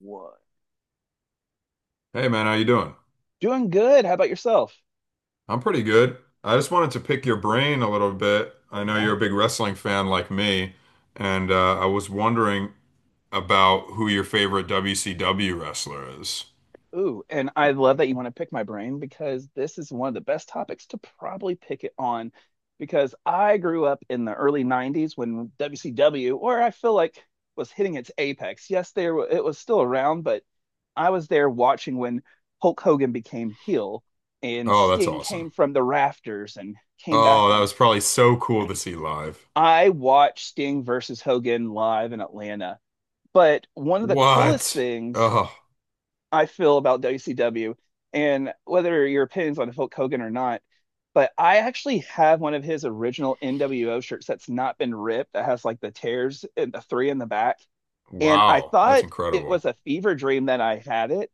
What? Hey man, how you doing? Doing good. How about yourself? I'm pretty good. I just wanted to pick your brain a little bit. Oh I know yeah. you're a big wrestling fan like me, and I was wondering about who your favorite WCW wrestler is. Ooh, and I love that you want to pick my brain because this is one of the best topics to probably pick it on because I grew up in the early 90s when WCW, or I feel like, was hitting its apex. Yes, it was still around, but I was there watching when Hulk Hogan became heel and Oh, that's Sting came awesome. from the rafters and came back Oh, that on. was probably so cool to see live. I watched Sting versus Hogan live in Atlanta. But one of the coolest What? things Oh, I feel about WCW, and whether your opinions on Hulk Hogan or not. But I actually have one of his original NWO shirts that's not been ripped, that has like the tears and the three in the back. And I wow. That's thought it was incredible. a fever dream that I had it.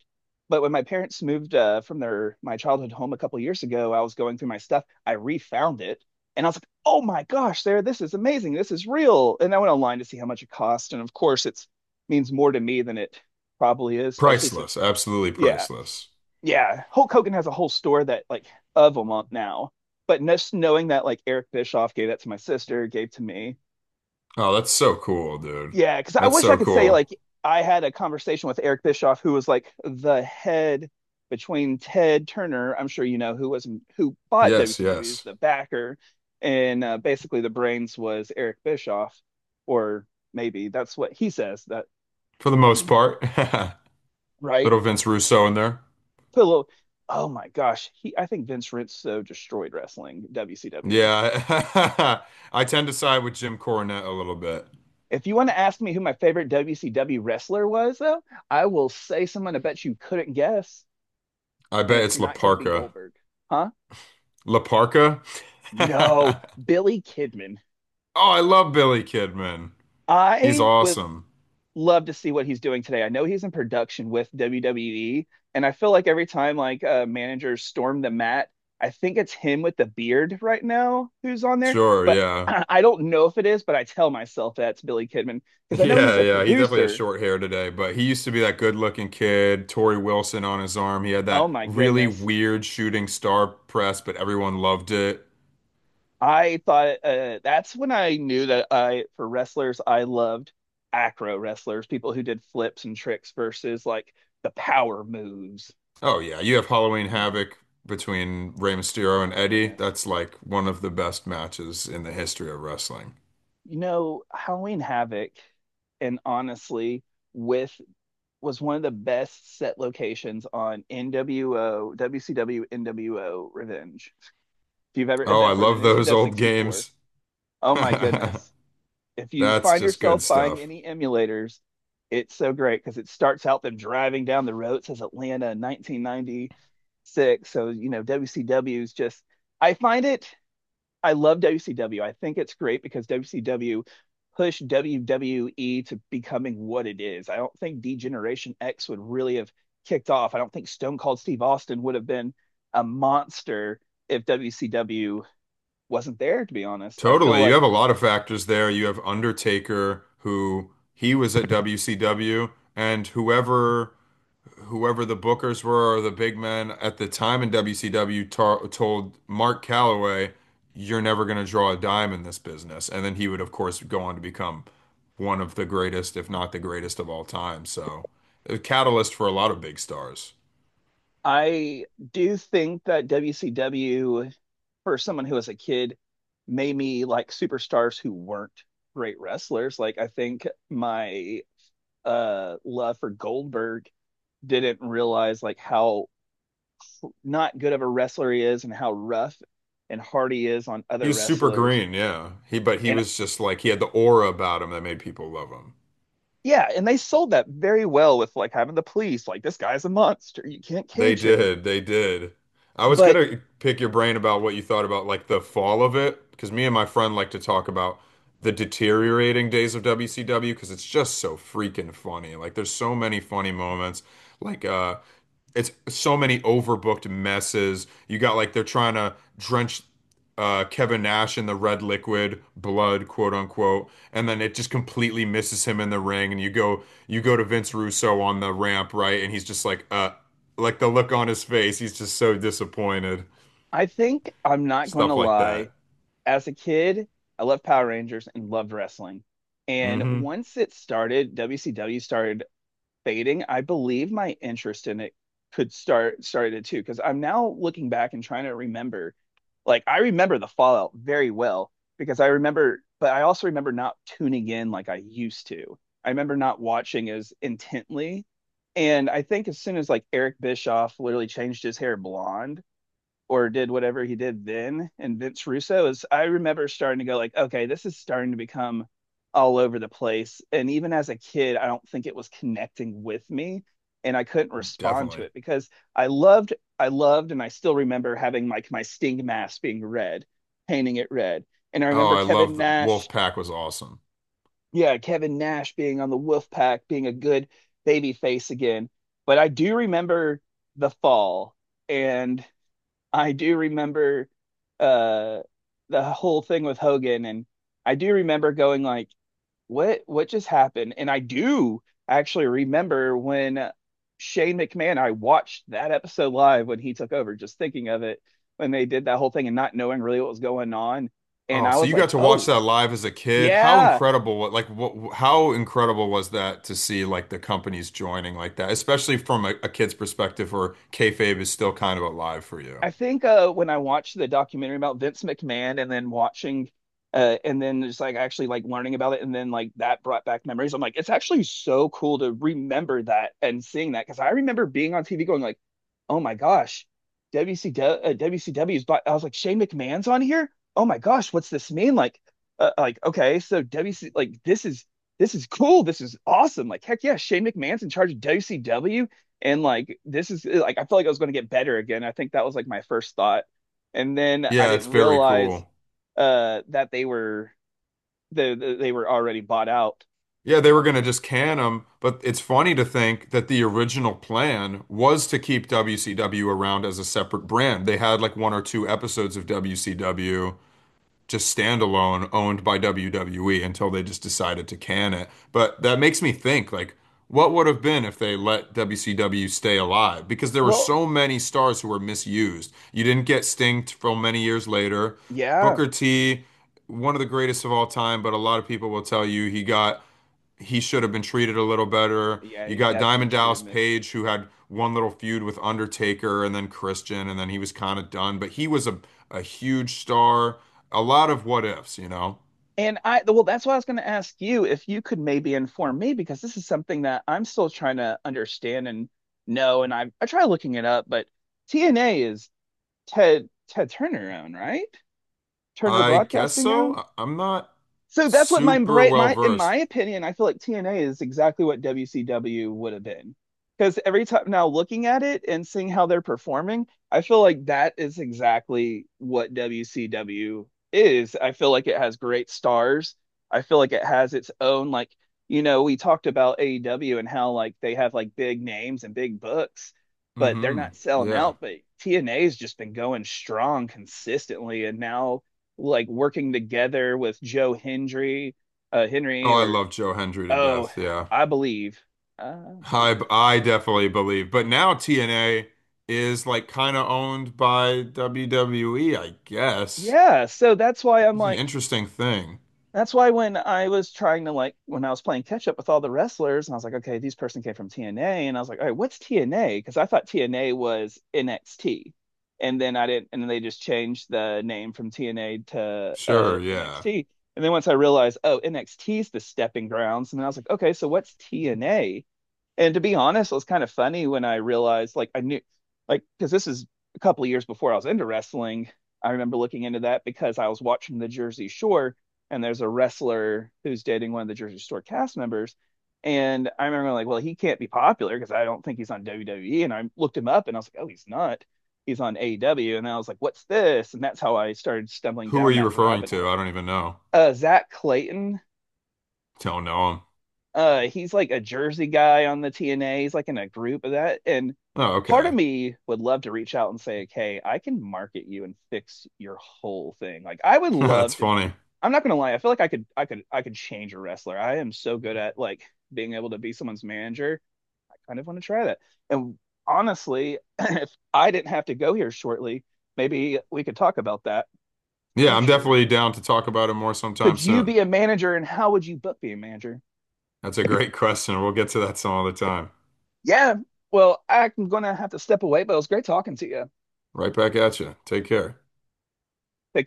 But when my parents moved from their my childhood home a couple years ago, I was going through my stuff. I refound it, and I was like, "Oh my gosh, Sarah, this is amazing! This is real!" And I went online to see how much it cost, and of course, it's means more to me than it probably is, especially Priceless. since. Absolutely Yeah, priceless. yeah. Hulk Hogan has a whole store that like of them up now. But just knowing that like Eric Bischoff gave that to my sister, gave to me. Oh, that's so cool, dude. Yeah, because I That's wish I so could say like cool. I had a conversation with Eric Bischoff, who was like the head between Ted Turner, I'm sure you know, who was not who bought Yes, WCW, is yes. the backer, and basically the brains was Eric Bischoff, or maybe that's what he says that. For the most part. Right. Little Vince Russo in there. Put a little. Oh my gosh, he. I think Vince Rizzo destroyed wrestling WCW. Yeah, I tend to side with Jim Cornette a little bit. If you want to ask me who my favorite WCW wrestler was, though, I will say someone I bet you couldn't guess, I and bet it's it's not going to be Laparca. Goldberg, huh? Laparca? No, Billy Kidman. Oh, I love Billy Kidman. He's I would awesome. love to see what he's doing today. I know he's in production with WWE, and I feel like every time like managers storm the mat, I think it's him with the beard right now who's on there. Sure, But yeah. I don't know if it is, but I tell myself that's Billy Kidman because I know he's Yeah, a yeah. He definitely has producer. short hair today, but he used to be that good-looking kid, Tori Wilson on his arm. He had Oh that my really goodness. weird shooting star press, but everyone loved it. I thought that's when I knew that for wrestlers, I loved acro wrestlers, people who did flips and tricks versus like the power moves. Oh, yeah. You have Halloween Havoc between Rey Oh Mysterio my and Eddie. goodness. That's like one of the best matches in the history of wrestling. You know, Halloween Havoc, and honestly, with was one of the best set locations on NWO, WCW, NWO Revenge. If you've ever Oh, I that for the love those Nintendo old 64, games. oh my goodness. If you That's find just yourself good buying stuff. any emulators, it's so great because it starts out them driving down the road. It says Atlanta 1996. So, you know, WCW is just, I find it I love WCW. I think it's great because WCW pushed WWE to becoming what it is. I don't think Degeneration X would really have kicked off. I don't think Stone Cold Steve Austin would have been a monster if WCW wasn't there, to be honest. I feel Totally. You like have a lot of factors there. You have Undertaker, who he was at WCW, and whoever the bookers were or the big men at the time in WCW tar told Mark Calloway, "You're never going to draw a dime in this business." And then he would, of course, go on to become one of the greatest, if not the greatest of all time. So, a catalyst for a lot of big stars. I do think that WCW, for someone who was a kid, made me like superstars who weren't great wrestlers. Like I think my love for Goldberg didn't realize like how not good of a wrestler he is and how rough and hard he is on He other was super wrestlers. green, yeah. He but he And was just like he had the aura about him that made people love him. yeah, and they sold that very well with like having the police like this guy's a monster. You can't They cage him. did. They did. I was But gonna pick your brain about what you thought about like the fall of it, because me and my friend like to talk about the deteriorating days of WCW because it's just so freaking funny. Like there's so many funny moments. Like it's so many overbooked messes. You got like they're trying to drench Kevin Nash in the red liquid blood, quote unquote, and then it just completely misses him in the ring. And you go to Vince Russo on the ramp, right? And he's just like the look on his face. He's just so disappointed. I think I'm not going to Stuff like lie. that. As a kid, I loved Power Rangers and loved wrestling. And Hmm. once it started, WCW started fading, I believe my interest in it could started too, because I'm now looking back and trying to remember. Like I remember the Fallout very well because I remember, but I also remember not tuning in like I used to. I remember not watching as intently. And I think as soon as like Eric Bischoff literally changed his hair blonde, or did whatever he did then and Vince Russo is, I remember starting to go like, okay, this is starting to become all over the place. And even as a kid, I don't think it was connecting with me, and I couldn't respond to Definitely. it because I loved I loved and I still remember having like my sting mask being red, painting it red. And I Oh, remember I Kevin love the Nash, Wolf Pack was awesome. yeah, Kevin Nash being on the Wolfpack, being a good baby face again. But I do remember the fall, and I do remember uh the whole thing with Hogan, and I do remember going like, what just happened? And I do actually remember when Shane McMahon, I watched that episode live when he took over, just thinking of it when they did that whole thing and not knowing really what was going on. And Oh, I so was you got like, to watch oh, that live as a kid. How yeah, incredible, like what, how incredible was that to see like the companies joining like that, especially from a kid's perspective where kayfabe is still kind of alive for you. I think when I watched the documentary about Vince McMahon and then watching and then just like actually like learning about it and then like that brought back memories. I'm like, it's actually so cool to remember that and seeing that because I remember being on TV going like, oh my gosh, WCW, WCW's, but I was like, Shane McMahon's on here? Oh my gosh, what's this mean? Like, like, okay, so WC like this is cool. This is awesome. Like, heck yeah, Shane McMahon's in charge of WCW, and like this is like I felt like I was going to get better again. I think that was like my first thought, and then I Yeah, it's didn't very realize cool. That they were the they were already bought out. Yeah, they were I'll going think, to just can him, but it's funny to think that the original plan was to keep WCW around as a separate brand. They had like one or two episodes of WCW just standalone, owned by WWE until they just decided to can it. But that makes me think like what would have been if they let WCW stay alive? Because there were well, so many stars who were misused. You didn't get Sting till many years later. yeah, Booker T, one of the greatest of all time, but a lot of people will tell you he should have been treated a little better. yeah, You he got definitely Diamond treated Dallas Miss. Page, who had one little feud with Undertaker and then Christian, and then he was kind of done, but a huge star. A lot of what ifs, you know? And I, well, that's why I was going to ask you if you could maybe inform me, because this is something that I'm still trying to understand and know, and I try looking it up, but TNA is Ted Turner own, right? Turner I guess Broadcasting so. own. I- am not So that's what my super brain, well my in my versed. opinion, I feel like TNA is exactly what WCW would have been. Because every time now looking at it and seeing how they're performing, I feel like that is exactly what WCW is. I feel like it has great stars. I feel like it has its own like, you know, we talked about AEW and how like they have like big names and big books, but they're Hmm. not selling Yeah. out. But TNA's just been going strong consistently, and now like working together with Joe Hendry, Oh, Henry, I or love Joe Hendry to oh, death. Yeah. I believe, I I believe, I definitely believe. But now TNA is like kind of owned by WWE, I guess, yeah. So that's why which I'm is an like, interesting thing. that's why when I was trying to like, when I was playing catch up with all the wrestlers, and I was like, okay, this person came from TNA, and I was like, all right, what's TNA? Because I thought TNA was NXT, and then I didn't, and then they just changed the name from TNA to Sure, yeah. NXT. And then once I realized, oh, NXT is the stepping grounds, and then I was like, okay, so what's TNA? And to be honest, it was kind of funny when I realized, like, I knew, like, because this is a couple of years before I was into wrestling. I remember looking into that because I was watching the Jersey Shore, and there's a wrestler who's dating one of the Jersey Shore cast members. And I remember, like, well, he can't be popular because I don't think he's on WWE. And I looked him up and I was like, oh, he's not. He's on AEW. And I was like, what's this? And that's how I started stumbling Who are down you that referring rabbit to? hole. I don't even know. Zach Clayton Don't know him. He's like a Jersey guy on the TNA. He's like in a group of that. And Oh, part of okay. me would love to reach out and say, "Hey, I can market you and fix your whole thing." Like I would That's love to. funny. I'm not gonna lie. I feel like I could change a wrestler. I am so good at like being able to be someone's manager. I kind of want to try that. And honestly, if I didn't have to go here shortly, maybe we could talk about that Yeah, I'm future. definitely down to talk about it more sometime Could you soon. be a manager, and how would you book be a manager? That's a great question. We'll get to that some other time. Yeah. Well, I'm gonna have to step away, but it was great talking to you. Right back at you. Take care. Take care.